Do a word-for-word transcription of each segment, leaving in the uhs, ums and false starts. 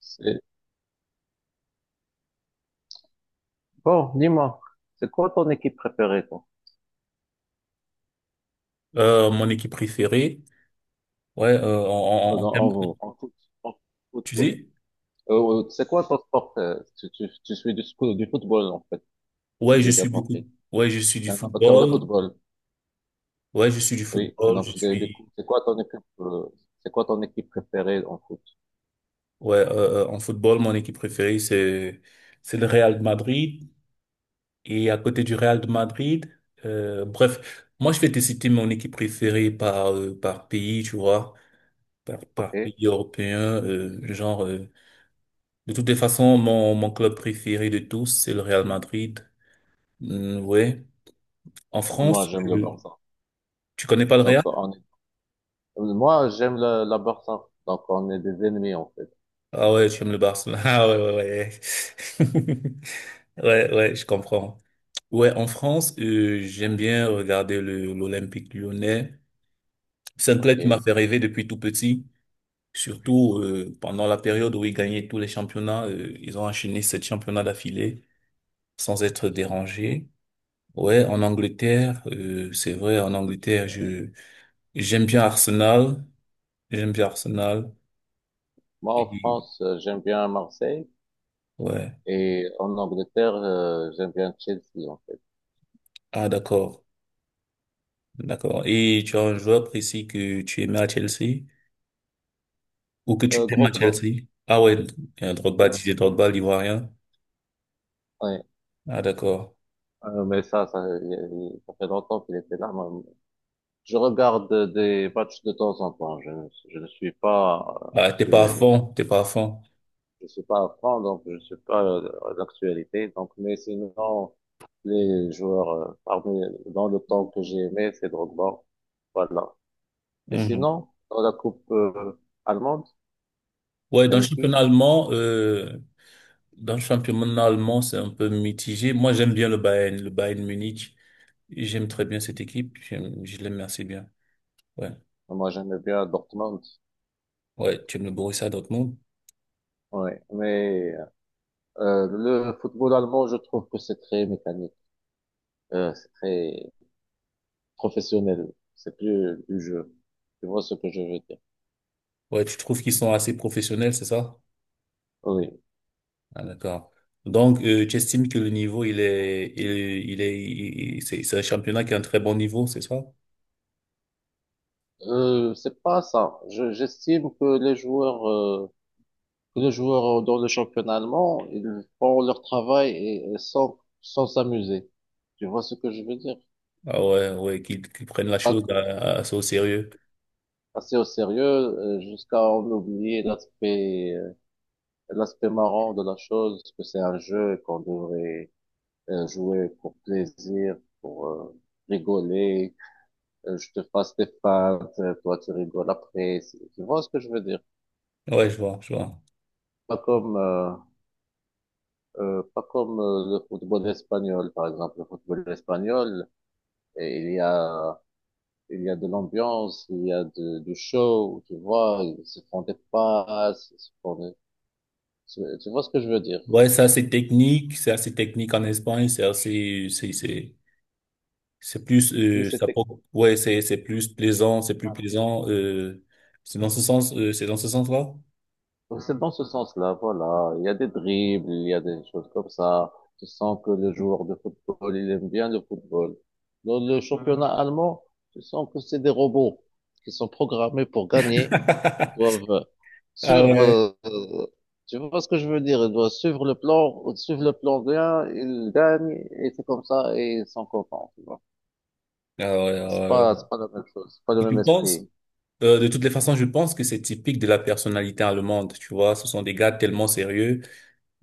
C'est- Bon, dis-moi, c'est quoi ton équipe préférée, toi, Euh, mon équipe préférée, ouais, euh, en, en, en, en termes- en, en foot- en tu football? sais, Euh, euh, c'est quoi ton sport? euh, Tu, tu, tu suis du, sco- du football, en fait, si ouais, je j'ai bien suis beaucoup, compris. ouais, je suis du T'es un amateur de football, football, ouais, je suis du oui. football, je Donc, de- du suis, coup, c'est quoi ton équipe, euh, c'est quoi ton équipe préférée en foot? ouais, euh, euh, en football, mon équipe préférée, c'est, c'est le Real de Madrid, et à côté du Real de Madrid, euh, bref, moi, je vais te citer mon équipe préférée par, euh, par pays, tu vois, par, par OK? pays européen, euh, genre, euh, de toutes les façons, mon, mon club préféré de tous, c'est le Real Madrid. Hum, ouais. En Moi, France, j'aime le je- Barça. Tu connais pas le Donc, Real? on est- moi, j'aime le la Barça. Donc, on est des ennemis, en fait. Ah, ouais, tu aimes le Barcelone. Ah, ouais, ouais, ouais. Ouais, ouais, je comprends. Ouais, en France, euh, j'aime bien regarder le, l'Olympique Lyonnais. C'est un club qui m'a OK? fait rêver depuis tout petit. Surtout euh, pendant la période où ils gagnaient tous les championnats, euh, ils ont enchaîné sept championnats d'affilée sans être dérangés. Ouais, en Angleterre, euh, c'est vrai, en Angleterre, je j'aime bien Arsenal, j'aime bien Arsenal. Moi, en Et, France, euh, j'aime bien Marseille. ouais. Et en Angleterre, euh, j'aime bien Chelsea, en fait. Ah, d'accord. D'accord. Et tu as un joueur précis que tu aimais à Chelsea ou que tu Euh, aimes à Drogba. Chelsea? Ah, ouais, euh, Drogba, Didier Drogba, l'Ivoirien. Ouais. Ah, d'accord. Euh, mais ça, ça, il il- ça fait longtemps qu'il était là. Moi, je regarde des matchs de temps en temps. Je, ne- je ne suis pas euh, Ah, t'es pas à actuel. fond, t'es pas à fond. Je suis pas à fond, donc je suis pas euh, à l'actualité. Donc, mais sinon, les joueurs euh, parmi dans le temps que j'ai aimé, c'est Drogba. Voilà. Et Mhm. sinon, dans la coupe euh, allemande, Ouais, dans le t'aimes qui? championnat allemand, euh, dans le championnat allemand, c'est un peu mitigé. Moi, j'aime bien le Bayern, le Bayern Munich. J'aime très bien cette équipe. J'aime, je l'aime assez bien. Ouais. Moi, j'aime bien Dortmund. Ouais, tu aimes le Borussia Dortmund? Ouais. Mais euh, le football allemand, je trouve que c'est très mécanique. Euh, c'est très professionnel. C'est plus du jeu. Tu vois ce que je veux dire? Ouais, tu trouves qu'ils sont assez professionnels, c'est ça? Oui. Ah, d'accord. Donc, euh, tu estimes que le niveau, il est, il, il est, il- il- c'est c'est un championnat qui a un très bon niveau, c'est ça? Euh, c'est pas ça. Je, j'estime que les joueurs, euh, que les joueurs dans le championnat allemand, ils font leur travail et, et sans, sans s'amuser. Tu vois ce que je veux dire? Ah, ouais, ouais, qu'ils qu'ils prennent la Pas chose à- que- à- assez au sérieux. assez au sérieux, euh, jusqu'à en oublier l'aspect, euh, l'aspect marrant de la chose, que c'est un jeu et qu'on devrait euh, jouer pour plaisir, pour euh, rigoler euh, je te fasse des feintes, euh, toi tu rigoles après. C'est- Tu vois ce que je veux dire? Ouais, je vois, je vois. Pas comme, euh, euh, pas comme euh, le football espagnol, par exemple. Le football espagnol, et il y a, il y a de l'ambiance, il y a de, du show, tu vois. Ils se font des passes, ils se font des- Tu tu vois ce que je veux dire? Ouais, c'est assez technique, c'est assez technique en Espagne, c'est assez, c'est, c'est, C'est plus, Plus euh, c'est ça, pro- ouais, c'est, c'est plus plaisant, c'est plus plaisant. Euh, c'est dans ce sens, euh, c'est dans ce sens-là. Donc, c'est dans ce sens-là, voilà. Il y a des dribbles, il y a des choses comme ça. Tu sens que le joueur de football, il aime bien le football. Dans le championnat Mhm. allemand, tu sens que c'est des robots qui sont programmés pour gagner. Ils doivent Ah, suivre, ouais. euh, tu vois ce que je veux dire? Ils doivent suivre le plan, suivre le plan bien, ils gagnent, et c'est comme ça, et ils sont contents, tu vois. Ah, ouais, ah, C'est pas, ouais. c'est pas la même chose, c'est pas le Je même pense, esprit. euh, de toutes les façons, je pense que c'est typique de la personnalité allemande. Tu vois, ce sont des gars tellement sérieux.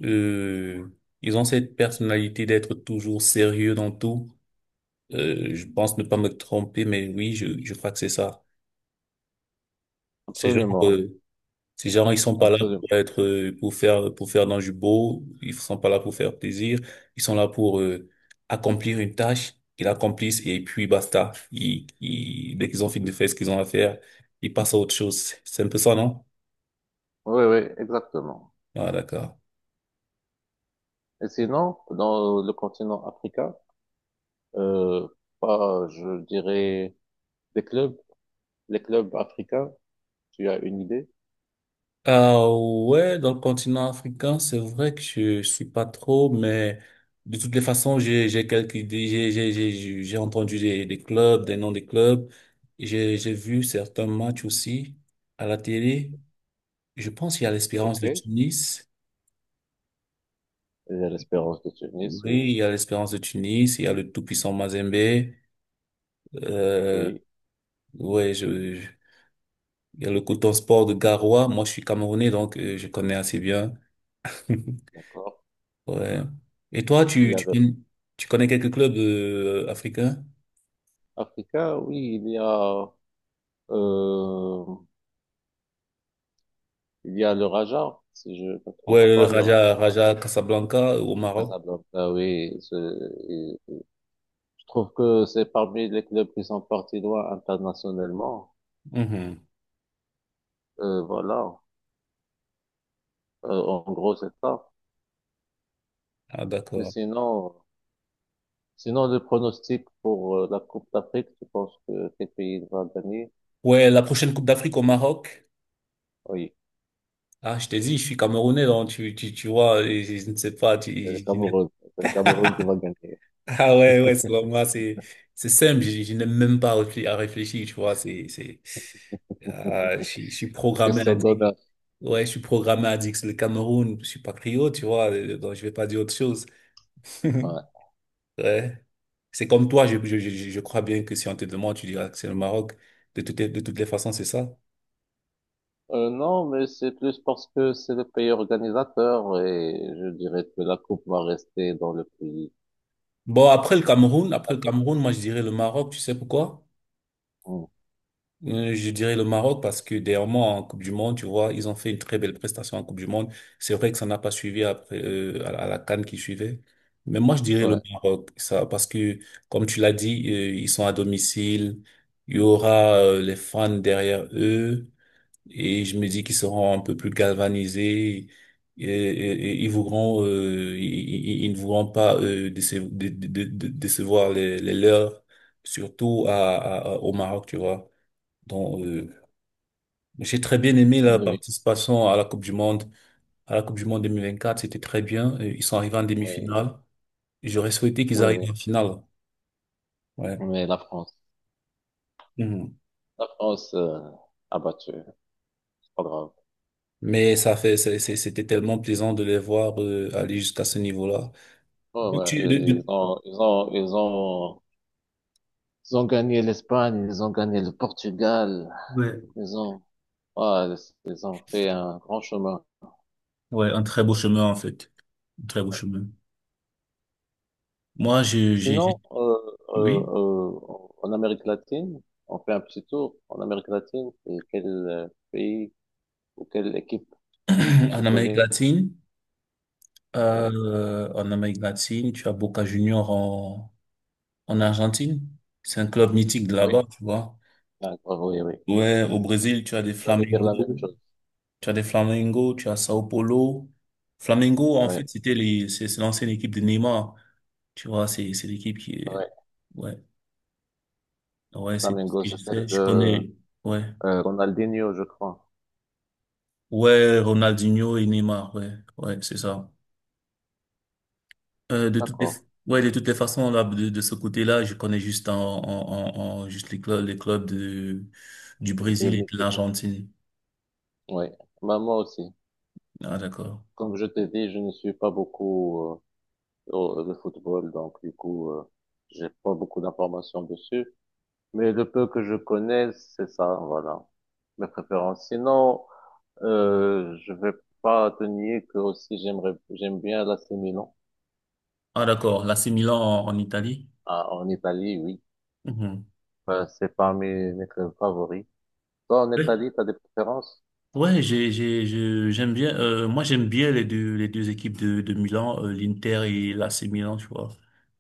Euh, Ils ont cette personnalité d'être toujours sérieux dans tout. Euh, je pense ne pas me tromper, mais oui, je, je crois que c'est ça. C'est genre, Absolument, euh, Ces gens, ils sont pas là absolument. pour être, euh, pour faire, pour faire dans du beau. Ils sont pas là pour faire plaisir. Ils sont là pour euh, accomplir une tâche. Ils l'accomplissent et puis basta. Ils, ils- dès qu'ils ont fini de faire ce qu'ils ont à faire, ils passent à autre chose. C'est un peu ça, non? Oui, oui, exactement. Ah, d'accord. Et sinon, dans le continent africain, euh, pas, je dirais, des clubs, les clubs africains, tu as une idée? Ah, ouais, dans le continent africain, c'est vrai que je suis pas trop, mais de toutes les façons, j'ai j'ai quelques idées, j'ai j'ai j'ai j'ai entendu des des clubs, des noms des clubs, j'ai j'ai vu certains matchs aussi à la télé. Je pense qu'il y a l'Espérance Ok. de Il Tunis. y a l'Espérance de Tunis, oui. Oui, il y a l'Espérance de Tunis, il y a le tout-puissant Mazembe. Euh, Oui, ouais, je, je- il y a le Coton Sport de Garoua. Moi, je suis Camerounais, donc euh, je connais assez bien. d'accord. Ouais. Et toi, Il tu, y a tu, le tu connais quelques clubs euh, africains? africain, oui, il y a, euh, il y a le Raja, si je ne me trompe Ouais, le pas, le Raja, Raja de Raja Casablanca au Maroc. Casablanca, oui, ce- Je trouve que c'est parmi les clubs qui sont partis loin internationalement. Mhm. Euh, voilà. Euh, en gros, c'est ça. Ah, Mais d'accord. sinon, sinon, le pronostic pour euh, la Coupe d'Afrique, tu penses que quel pays va gagner? Ouais, la prochaine Coupe d'Afrique au Maroc. Oui, Ah, je t'ai dit, je suis Camerounais, donc tu, tu, tu vois, et je ne sais pas. tu, c'est le Cameroun. C'est le Cameroun qui va gagner. Ah, ouais, ouais, selon moi, c'est, c'est simple. Je, je n'ai même pas réflé- à réfléchir, tu vois. C'est, c'est, ah, je, suis je suis programmé Question addict. d'honneur. Ouais, je suis programmé addict. C'est le Cameroun. Je suis patriote, tu vois. euh, Donc, je vais pas dire autre chose. Ouais. Ouais. C'est comme toi, je, je, je, je crois bien que si on te demande, tu diras que c'est le Maroc. De toutes les, de toutes les façons, c'est ça. Euh, non, mais c'est plus parce que c'est le pays organisateur et je dirais que la coupe va rester dans le pays. Bon, après le Cameroun, après La le coupe. Cameroun, moi, je dirais le Maroc. Tu sais pourquoi? Mm. Euh, Je dirais le Maroc parce que dernièrement en Coupe du Monde, tu vois, ils ont fait une très belle prestation en Coupe du Monde. C'est vrai que ça n'a pas suivi après euh, à la à la CAN qui suivait. Mais moi, je dirais Ouais. le Maroc, ça, parce que comme tu l'as dit, euh, ils sont à domicile, il y aura euh, les fans derrière eux et je me dis qu'ils seront un peu plus galvanisés et, et- et ils voudront, euh, ils, ils- ils ne voudront pas euh, déce- dé- dé- dé- décevoir les, les leurs, surtout à, à- à- au Maroc, tu vois. Donc, euh, j'ai très bien aimé la Oui, oui, participation à la Coupe du Monde. À la Coupe du Monde deux mille vingt-quatre, c'était très bien. Euh, Ils sont arrivés en oui, demi-finale. J'aurais souhaité qu'ils oui, arrivent oui. en finale. Ouais. Mais la France. Mhm. La France euh, a battu, c'est pas grave. Mais ça fait, c'est- c'est- c'était tellement plaisant de les voir euh, aller jusqu'à ce niveau-là. Ouais, Donc, ouais, tu- ils de- ils de- ont, ils ont, ils ont, ils ont gagné l'Espagne, ils ont gagné le Portugal, Ouais. ils ont, ouais, ils ont fait un grand chemin. Ouais, un très beau chemin en fait. Un très beau chemin. Moi, je, j'ai, Sinon, j'ai- euh, Oui, euh, euh, en Amérique latine, on fait un petit tour en Amérique latine. Et quel euh, pays ou quelle équipe que tu en Amérique connais? latine, Ouais. euh, en Amérique latine, tu as Boca Junior en, en Argentine. C'est un club mythique de Oui. là-bas, tu vois. D'accord, oui, oui. Ouais, au Brésil, tu as des J'allais dire la même Flamengo, chose. tu as des Flamengo, tu as Sao Paulo. Flamengo, en Oui, fait, c'était les, c'est c'est l'ancienne équipe de Neymar. Tu vois, c'est, c'est l'équipe qui est, oui. ouais, Le ouais, c'est ce Flamengo, que je c'est sais, celle je de connais, ouais. euh, Ronaldinho, je crois. Ouais, Ronaldinho et Neymar, ouais, ouais, c'est ça. Euh, de toutes les, D'accord. ouais, de toutes les façons, là, de, de ce côté-là, je connais juste en, en, en, en- juste les clubs, les clubs de, du De Brésil et de musique, l'Argentine. oui. Bah, moi aussi. Ah, d'accord. Comme je t'ai dit, je ne suis pas beaucoup euh, au- le football, donc du coup, euh, j'ai pas beaucoup d'informations dessus. Mais le peu que je connais, c'est ça, voilà. Mes préférences. Sinon, euh, je vais pas te nier que aussi j'aimerais, j'aime bien l'A C Milan. Ah, d'accord. L'A C Milan en, en Italie. Ah, en Italie, oui. Mhm. Bah, c'est parmi mes clubs favoris. Toi, en Italie, t'as des préférences? Ouais, j'ai, j'ai, je- j'aime bien. Euh, moi, j'aime bien les deux, les deux équipes de, de Milan, euh, l'Inter et l'A C Milan, tu vois.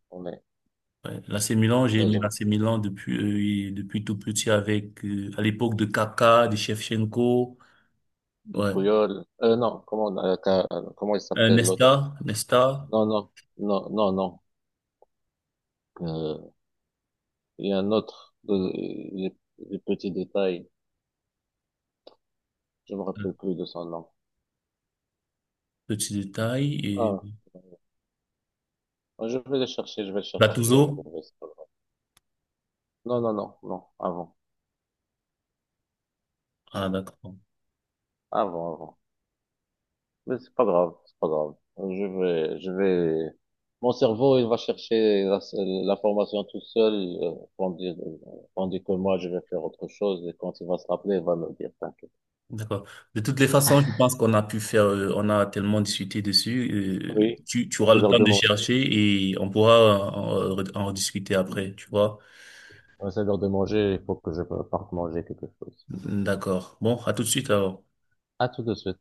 On est, Ouais, l'A C Milan, j'ai là, aimé j'ai- l'A C Milan depuis, euh, et depuis tout petit avec, euh, à l'époque de Kaká, de Shevchenko, le ouais, Puyol, euh, non, comment, on a- euh, comment il Euh, s'appelle l'autre? Nesta, Nesta, Non, non, non, non, non. Euh, il y a un autre, de- les, les petits détails. Je me euh, rappelle plus de son nom. petit détail et Ah, ah, je vais le chercher, je vais le chercher, je vais le Gattuso. trouver. C'est pas grave. Non, non, non, non, avant, Ah, d'accord, avant, avant. Mais c'est pas grave, c'est pas grave. Je vais, je vais. Mon cerveau, il va chercher la- l'information tout seul, euh, tandis, tandis que moi, je vais faire autre chose. Et quand il va se rappeler, il va me dire, t'inquiète. d'accord. De toutes les façons, je pense qu'on a pu faire, euh, on a tellement discuté dessus. euh, Oui, tu, tu auras c'est le l'heure temps de de manger. chercher et on pourra en, en rediscuter après, tu vois. Ouais, c'est l'heure de manger, il faut que je parte manger quelque chose. D'accord. Bon, à tout de suite alors. À tout de suite.